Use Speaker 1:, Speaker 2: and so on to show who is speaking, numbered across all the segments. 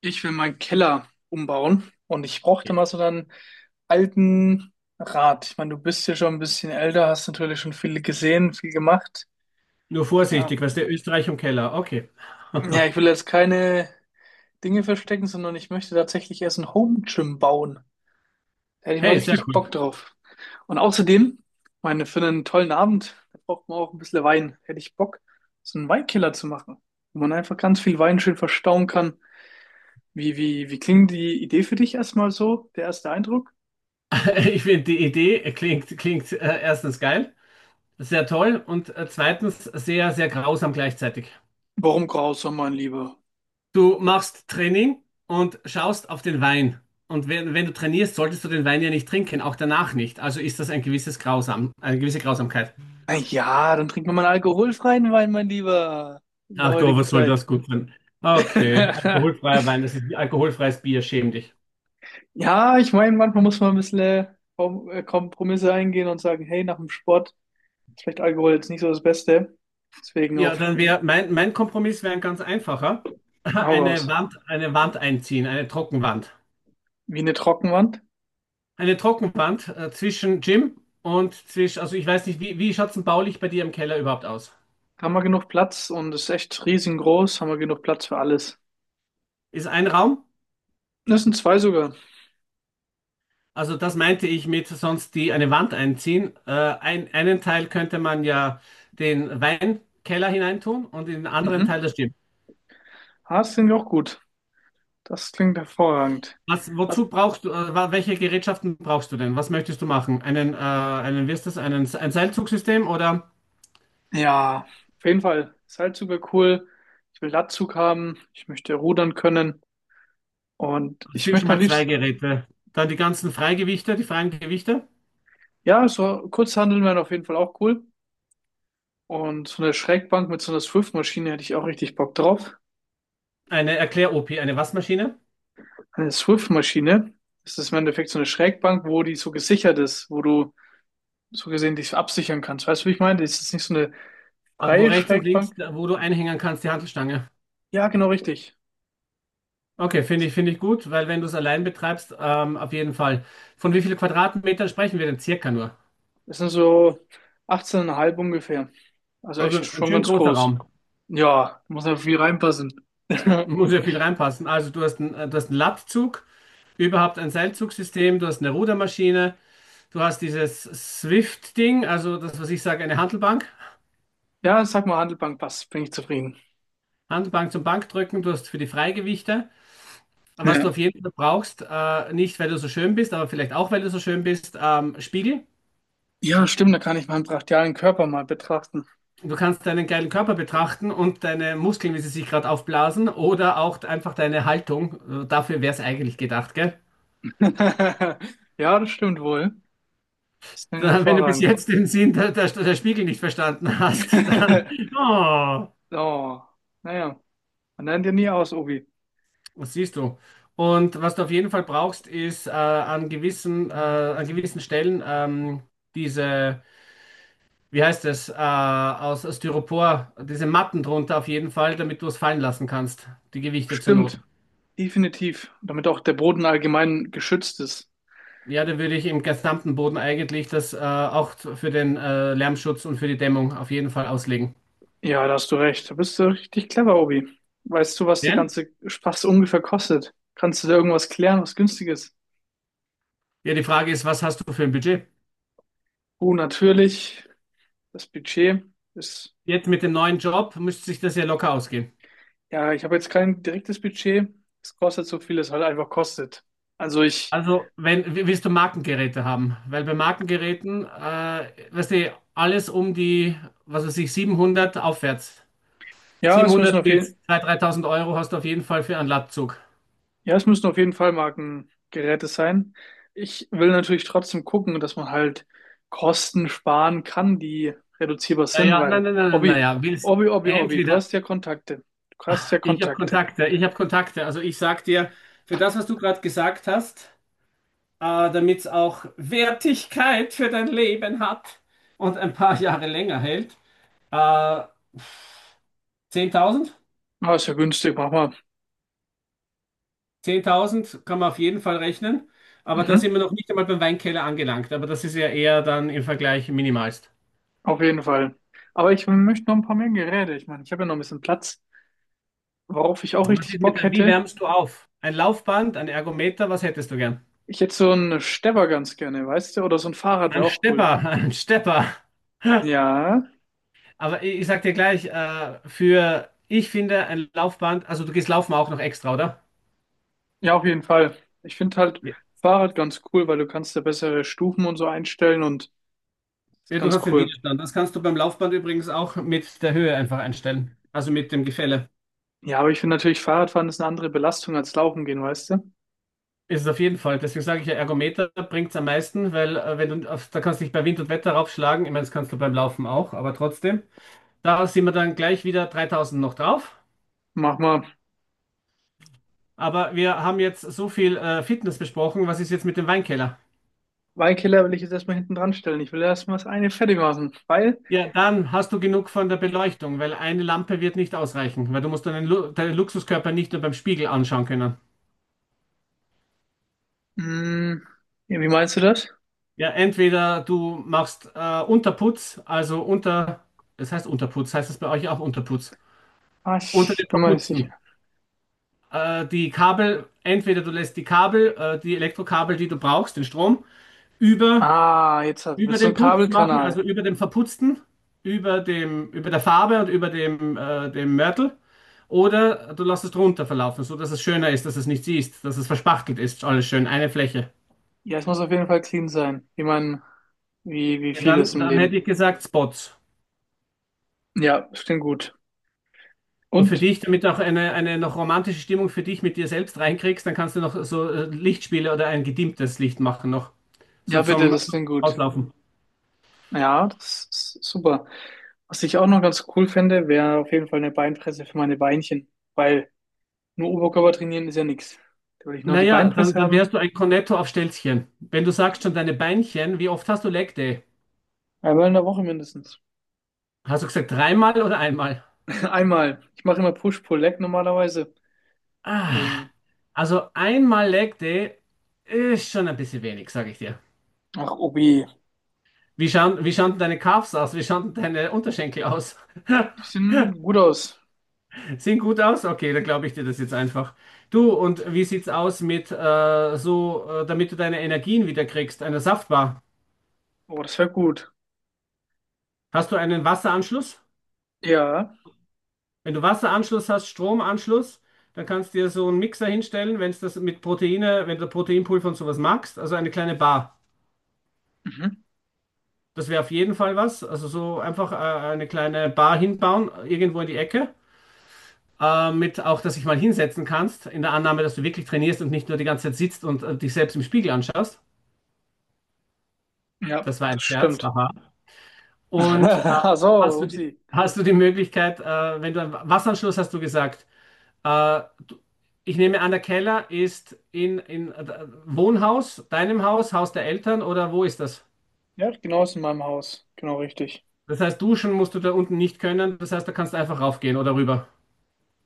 Speaker 1: Ich will meinen Keller umbauen und ich brauchte mal so einen alten Rat. Ich meine, du bist ja schon ein bisschen älter, hast natürlich schon viel gesehen, viel gemacht.
Speaker 2: Nur
Speaker 1: Ah,
Speaker 2: vorsichtig, was der Österreich im Keller. Okay.
Speaker 1: ja, ich will jetzt keine Dinge verstecken, sondern ich möchte tatsächlich erst ein Home Gym bauen. Da hätte ich mal
Speaker 2: Hey, sehr
Speaker 1: richtig
Speaker 2: cool.
Speaker 1: Bock drauf. Und außerdem, meine, für einen tollen Abend, da braucht man auch ein bisschen Wein. Hätte ich Bock, so einen Weinkeller zu machen, wo man einfach ganz viel Wein schön verstauen kann. Wie klingt die Idee für dich erstmal so, der erste Eindruck?
Speaker 2: Ich finde die Idee klingt erstens geil, sehr toll und zweitens sehr, sehr grausam gleichzeitig.
Speaker 1: Warum grausam, mein Lieber?
Speaker 2: Du machst Training und schaust auf den Wein. Und wenn du trainierst, solltest du den Wein ja nicht trinken, auch danach nicht. Also ist das ein gewisses Grausam, eine gewisse Grausamkeit.
Speaker 1: Na ja, dann trinken wir mal einen alkoholfreien Wein, mein Lieber. In der
Speaker 2: Ach Gott,
Speaker 1: heutigen
Speaker 2: was soll
Speaker 1: Zeit.
Speaker 2: das gut sein? Okay, alkoholfreier Wein, das ist wie alkoholfreies Bier, schäm dich.
Speaker 1: Ja, ich meine, manchmal muss man ein bisschen Kompromisse eingehen und sagen, hey, nach dem Sport ist vielleicht Alkohol jetzt nicht so das Beste. Deswegen
Speaker 2: Ja,
Speaker 1: auf,
Speaker 2: dann wäre mein Kompromiss wäre ein ganz einfacher.
Speaker 1: hau raus.
Speaker 2: Eine Wand einziehen, eine Trockenwand.
Speaker 1: Wie eine Trockenwand.
Speaker 2: Eine Trockenwand zwischen Gym und zwischen, also ich weiß nicht, wie schaut es denn baulich bei dir im Keller überhaupt aus?
Speaker 1: Haben wir genug Platz, und ist echt riesengroß. Haben wir genug Platz für alles.
Speaker 2: Ist ein Raum?
Speaker 1: Das sind zwei sogar.
Speaker 2: Also das meinte ich mit sonst die eine Wand einziehen. Einen Teil könnte man ja den Weinkeller hineintun und in den anderen
Speaker 1: Mhm.
Speaker 2: Teil das Gym.
Speaker 1: Ah, das klingt auch gut. Das klingt hervorragend.
Speaker 2: Was,
Speaker 1: Was?
Speaker 2: wozu brauchst du, welche Gerätschaften brauchst du denn? Was möchtest du machen? Wie ist das, ein Seilzugsystem oder?
Speaker 1: Ja, auf jeden Fall. Seilzug wäre cool. Ich will Latzug haben. Ich möchte rudern können. Und
Speaker 2: Das
Speaker 1: ich
Speaker 2: sind schon
Speaker 1: möchte am
Speaker 2: mal zwei
Speaker 1: liebsten,
Speaker 2: Geräte. Dann die ganzen Freigewichte, die freien Gewichte.
Speaker 1: ja, so Kurzhanteln wären auf jeden Fall auch cool. Und so eine Schrägbank mit so einer Swift-Maschine hätte ich auch richtig Bock drauf.
Speaker 2: Eine Erklär-OP, eine Waschmaschine.
Speaker 1: Eine Swift-Maschine, das ist im Endeffekt so eine Schrägbank, wo die so gesichert ist, wo du so gesehen dich absichern kannst. Weißt du, wie ich meine? Das ist nicht so eine
Speaker 2: Aber wo
Speaker 1: freie
Speaker 2: rechts und
Speaker 1: Schrägbank.
Speaker 2: links, wo du einhängen kannst, die Hantelstange.
Speaker 1: Ja, genau richtig.
Speaker 2: Okay, finde ich gut, weil wenn du es allein betreibst, auf jeden Fall. Von wie vielen Quadratmetern sprechen wir denn circa nur?
Speaker 1: Das sind so 18,5 ungefähr. Also
Speaker 2: Also
Speaker 1: echt
Speaker 2: ein
Speaker 1: schon
Speaker 2: schön
Speaker 1: ganz
Speaker 2: großer
Speaker 1: groß.
Speaker 2: Raum.
Speaker 1: Ja, muss ja viel reinpassen.
Speaker 2: Muss ja viel reinpassen. Also du hast einen Latzug, überhaupt ein Seilzugsystem, du hast eine Rudermaschine, du hast dieses Swift-Ding, also das, was ich sage, eine Hantelbank.
Speaker 1: Ja, sag mal, Handelbank passt, bin ich zufrieden.
Speaker 2: Handelbank zum Bankdrücken, du hast für die Freigewichte. Was
Speaker 1: Ja.
Speaker 2: du auf jeden Fall brauchst, nicht weil du so schön bist, aber vielleicht auch weil du so schön bist, Spiegel.
Speaker 1: Ja, stimmt, da kann ich meinen brachialen Körper mal betrachten.
Speaker 2: Du kannst deinen geilen Körper betrachten und deine Muskeln, wie sie sich gerade aufblasen, oder auch einfach deine Haltung. Dafür wäre es eigentlich gedacht, gell?
Speaker 1: Ja, das stimmt wohl. Ist dann
Speaker 2: Da, wenn du bis
Speaker 1: hervorragend.
Speaker 2: jetzt den Sinn der Spiegel nicht verstanden hast, dann, oh,
Speaker 1: So, naja, man lernt ja nie aus, Obi.
Speaker 2: was siehst du? Und was du auf jeden Fall brauchst, ist an gewissen Stellen diese, wie heißt es, aus Styropor, diese Matten drunter auf jeden Fall, damit du es fallen lassen kannst, die Gewichte zur Not.
Speaker 1: Stimmt, definitiv. Damit auch der Boden allgemein geschützt ist.
Speaker 2: Ja, da würde ich im gesamten Boden eigentlich das auch für den Lärmschutz und für die Dämmung auf jeden Fall auslegen.
Speaker 1: Ja, da hast du recht. Da bist du richtig clever, Obi. Weißt du, was der
Speaker 2: Denn?
Speaker 1: ganze Spaß ungefähr kostet? Kannst du da irgendwas klären, was günstig ist?
Speaker 2: Ja, die Frage ist, was hast du für ein Budget?
Speaker 1: Oh, natürlich. Das Budget ist,
Speaker 2: Jetzt mit dem neuen Job müsste sich das ja locker ausgehen.
Speaker 1: ja, ich habe jetzt kein direktes Budget. Es kostet so viel, es halt einfach kostet. Also ich,
Speaker 2: Also, wenn, w- willst du Markengeräte haben? Weil bei Markengeräten, weißt du, alles um die, was weiß ich, 700 aufwärts.
Speaker 1: ja, es müssen
Speaker 2: 700
Speaker 1: auf
Speaker 2: bis
Speaker 1: jeden,
Speaker 2: 2.000, 3.000 € hast du auf jeden Fall für einen Latzug.
Speaker 1: ja, es müssen auf jeden Fall Markengeräte sein. Ich will natürlich trotzdem gucken, dass man halt Kosten sparen kann, die reduzierbar sind,
Speaker 2: Naja, nein,
Speaker 1: weil,
Speaker 2: nein, nein, nein,
Speaker 1: Obi,
Speaker 2: naja, willst
Speaker 1: Obi, Obi, Obi, du
Speaker 2: entweder,
Speaker 1: hast ja Kontakte. Du hast ja
Speaker 2: ich habe
Speaker 1: Kontakte.
Speaker 2: Kontakte, ich habe Kontakte. Also ich sag dir, für das, was du gerade gesagt hast, damit es auch Wertigkeit für dein Leben hat und ein paar Jahre länger hält, äh, 10.000,
Speaker 1: Ah, ist ja günstig, mach mal.
Speaker 2: 10.000 kann man auf jeden Fall rechnen. Aber da
Speaker 1: Mhm,
Speaker 2: sind wir noch nicht einmal beim Weinkeller angelangt. Aber das ist ja eher dann im Vergleich minimalst.
Speaker 1: auf jeden Fall. Aber ich möchte noch ein paar mehr Geräte. Ich meine, ich habe ja noch ein bisschen Platz. Worauf ich auch
Speaker 2: Und was
Speaker 1: richtig
Speaker 2: ist mit
Speaker 1: Bock
Speaker 2: der, wie
Speaker 1: hätte,
Speaker 2: wärmst du auf? Ein Laufband, ein Ergometer, was hättest du gern?
Speaker 1: ich hätte so einen Stepper ganz gerne, weißt du? Oder so ein Fahrrad wäre
Speaker 2: Ein
Speaker 1: auch cool.
Speaker 2: Stepper, ein Stepper.
Speaker 1: Ja,
Speaker 2: Aber ich sag dir gleich, für, ich finde ein Laufband, also du gehst laufen auch noch extra, oder?
Speaker 1: ja, auf jeden Fall. Ich finde halt
Speaker 2: Ja,
Speaker 1: Fahrrad ganz cool, weil du kannst da bessere Stufen und so einstellen, und ist
Speaker 2: ja, du
Speaker 1: ganz
Speaker 2: hast den
Speaker 1: cool.
Speaker 2: Widerstand. Das kannst du beim Laufband übrigens auch mit der Höhe einfach einstellen. Also mit dem Gefälle.
Speaker 1: Ja, aber ich finde natürlich, Fahrradfahren ist eine andere Belastung als Laufen gehen, weißt du?
Speaker 2: Ist es auf jeden Fall. Deswegen sage ich ja, Ergometer bringt es am meisten, weil wenn du, da kannst du dich bei Wind und Wetter raufschlagen. Ich meine, das kannst du beim Laufen auch, aber trotzdem. Da sind wir dann gleich wieder 3.000 noch drauf.
Speaker 1: Mach mal.
Speaker 2: Aber wir haben jetzt so viel Fitness besprochen. Was ist jetzt mit dem Weinkeller?
Speaker 1: Weinkiller will ich jetzt erstmal hinten dran stellen. Ich will erstmal das eine fertig machen, weil,
Speaker 2: Ja, dann hast du genug von der Beleuchtung, weil eine Lampe wird nicht ausreichen, weil du musst deinen Luxuskörper nicht nur beim Spiegel anschauen können.
Speaker 1: mh, ja, wie meinst du das?
Speaker 2: Ja, entweder du machst Unterputz, also unter, das heißt Unterputz, heißt das bei euch auch Unterputz,
Speaker 1: Ah,
Speaker 2: unter
Speaker 1: ich
Speaker 2: den
Speaker 1: bin mir nicht sicher.
Speaker 2: Verputzten. Die Kabel, entweder du lässt die Kabel, die Elektrokabel, die du brauchst, den Strom, über
Speaker 1: Ah, jetzt hat, mit
Speaker 2: Über
Speaker 1: so
Speaker 2: den
Speaker 1: einem
Speaker 2: Putz machen, also
Speaker 1: Kabelkanal.
Speaker 2: über dem Verputzten, über dem, über der Farbe und über dem Mörtel. Oder du lässt es drunter verlaufen, so dass es schöner ist, dass es nicht siehst, dass es verspachtelt ist, alles schön, eine Fläche.
Speaker 1: Ja, es muss auf jeden Fall clean sein, wie man, wie
Speaker 2: Ja,
Speaker 1: viel ist
Speaker 2: dann,
Speaker 1: im
Speaker 2: dann hätte
Speaker 1: Leben.
Speaker 2: ich gesagt Spots.
Speaker 1: Ja, das klingt gut.
Speaker 2: Und für
Speaker 1: Und,
Speaker 2: dich, damit du auch eine noch romantische Stimmung für dich mit dir selbst reinkriegst, dann kannst du noch so Lichtspiele oder ein gedimmtes Licht machen noch. So
Speaker 1: ja, bitte,
Speaker 2: zum,
Speaker 1: das
Speaker 2: zum
Speaker 1: klingt gut.
Speaker 2: Auslaufen.
Speaker 1: Ja, das ist super. Was ich auch noch ganz cool fände, wäre auf jeden Fall eine Beinpresse für meine Beinchen. Weil nur Oberkörper trainieren ist ja nichts. Da würde ich noch die
Speaker 2: Naja, dann,
Speaker 1: Beinpresse
Speaker 2: dann
Speaker 1: haben.
Speaker 2: wärst du ein Cornetto auf Stelzchen. Wenn du sagst schon deine Beinchen, wie oft hast du Leg Day?
Speaker 1: Einmal in der Woche mindestens.
Speaker 2: Hast du gesagt dreimal oder einmal?
Speaker 1: Einmal. Ich mache immer Push-Pull-Leg normalerweise.
Speaker 2: Ah,
Speaker 1: Deswegen.
Speaker 2: also einmal Leg Day ist schon ein bisschen wenig, sage ich dir.
Speaker 1: Ach, Obi.
Speaker 2: Wie schauen denn deine Calves aus? Wie schauen denn deine Unterschenkel aus?
Speaker 1: Die sehen gut aus.
Speaker 2: Sehen gut aus? Okay, dann glaube ich dir das jetzt einfach. Du, und wie sieht's aus mit so, damit du deine Energien wieder kriegst, einer Saftbar?
Speaker 1: Oh, das wäre gut.
Speaker 2: Hast du einen Wasseranschluss?
Speaker 1: Ja.
Speaker 2: Wenn du Wasseranschluss hast, Stromanschluss, dann kannst du dir so einen Mixer hinstellen, wenn es das mit Proteine, wenn du Proteinpulver und sowas magst, also eine kleine Bar.
Speaker 1: Mhm.
Speaker 2: Das wäre auf jeden Fall was. Also so einfach eine kleine Bar hinbauen, irgendwo in die Ecke. Mit auch, dass dich mal hinsetzen kannst, in der Annahme, dass du wirklich trainierst und nicht nur die ganze Zeit sitzt und dich selbst im Spiegel anschaust.
Speaker 1: Ja,
Speaker 2: Das war ein
Speaker 1: das
Speaker 2: Scherz.
Speaker 1: stimmt.
Speaker 2: Aha. Und
Speaker 1: Ach
Speaker 2: hast
Speaker 1: so,
Speaker 2: du die,
Speaker 1: Upsi.
Speaker 2: hast du die Möglichkeit, wenn du einen Wasseranschluss hast du gesagt, äh, du, ich nehme an, der Keller ist in, in Wohnhaus, deinem Haus, Haus der Eltern oder wo ist das?
Speaker 1: Ja, genau, ist in meinem Haus. Genau richtig.
Speaker 2: Das heißt, duschen musst du da unten nicht können. Das heißt, da kannst du einfach raufgehen oder rüber.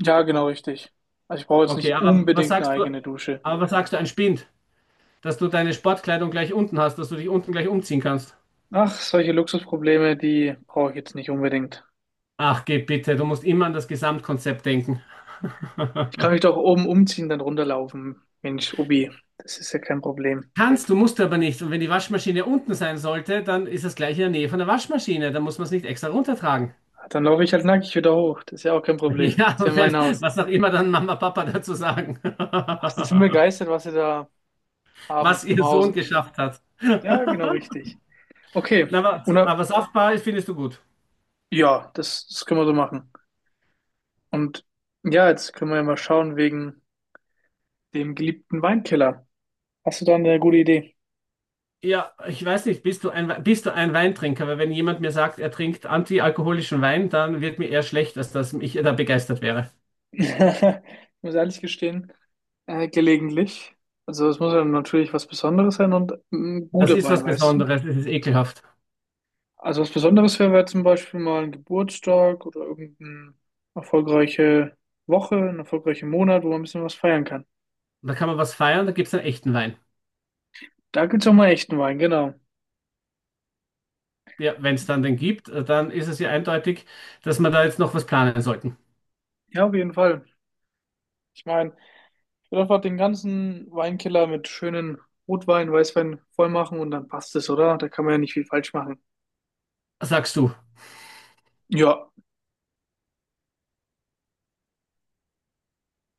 Speaker 1: Ja, genau richtig. Also ich brauche jetzt
Speaker 2: Okay,
Speaker 1: nicht
Speaker 2: aber was
Speaker 1: unbedingt eine
Speaker 2: sagst du,
Speaker 1: eigene Dusche.
Speaker 2: aber was sagst du, ein Spind, dass du deine Sportkleidung gleich unten hast, dass du dich unten gleich umziehen kannst?
Speaker 1: Ach, solche Luxusprobleme, die brauche ich jetzt nicht unbedingt.
Speaker 2: Ach, geh bitte, du musst immer an das Gesamtkonzept denken.
Speaker 1: Ich kann mich doch oben umziehen, dann runterlaufen. Mensch, Ubi, das ist ja kein Problem.
Speaker 2: Kannst, du musst aber nicht. Und wenn die Waschmaschine unten sein sollte, dann ist das gleich in der Nähe von der Waschmaschine. Dann muss man es nicht extra runtertragen.
Speaker 1: Ah, dann laufe ich halt nackig wieder hoch. Das ist ja auch kein Problem.
Speaker 2: Ja,
Speaker 1: Ist ja
Speaker 2: wenn,
Speaker 1: mein Haus.
Speaker 2: was auch immer dann Mama, Papa dazu sagen,
Speaker 1: Ach, die sind begeistert, was sie da haben
Speaker 2: was
Speaker 1: im
Speaker 2: ihr Sohn
Speaker 1: Hause.
Speaker 2: geschafft hat.
Speaker 1: Ja, genau richtig. Okay.
Speaker 2: Na, aber,
Speaker 1: Una,
Speaker 2: aber saftbar ist, findest du gut.
Speaker 1: ja, das können wir so machen. Und ja, jetzt können wir ja mal schauen wegen dem geliebten Weinkeller. Hast du da eine gute Idee?
Speaker 2: Ja, ich weiß nicht, bist du ein, Weintrinker? Weil wenn jemand mir sagt, er trinkt antialkoholischen Wein, dann wird mir eher schlecht, als dass ich da begeistert wäre.
Speaker 1: Ich muss ehrlich gestehen, gelegentlich. Also es muss ja natürlich was Besonderes sein und ein
Speaker 2: Das
Speaker 1: guter
Speaker 2: ist
Speaker 1: Wein,
Speaker 2: was
Speaker 1: weißt du.
Speaker 2: Besonderes, es ist ekelhaft.
Speaker 1: Also was Besonderes wäre, wäre zum Beispiel mal ein Geburtstag oder irgendeine erfolgreiche Woche, ein erfolgreicher Monat, wo man ein bisschen was feiern kann.
Speaker 2: Da kann man was feiern, da gibt es einen echten Wein.
Speaker 1: Da gibt's auch mal echten Wein, genau.
Speaker 2: Ja, wenn es dann den gibt, dann ist es ja eindeutig, dass wir da jetzt noch was planen sollten.
Speaker 1: Ja, auf jeden Fall. Ich meine, ich würde einfach den ganzen Weinkeller mit schönen Rotwein, Weißwein voll machen, und dann passt es, oder? Da kann man ja nicht viel falsch machen.
Speaker 2: Sagst du?
Speaker 1: Ja,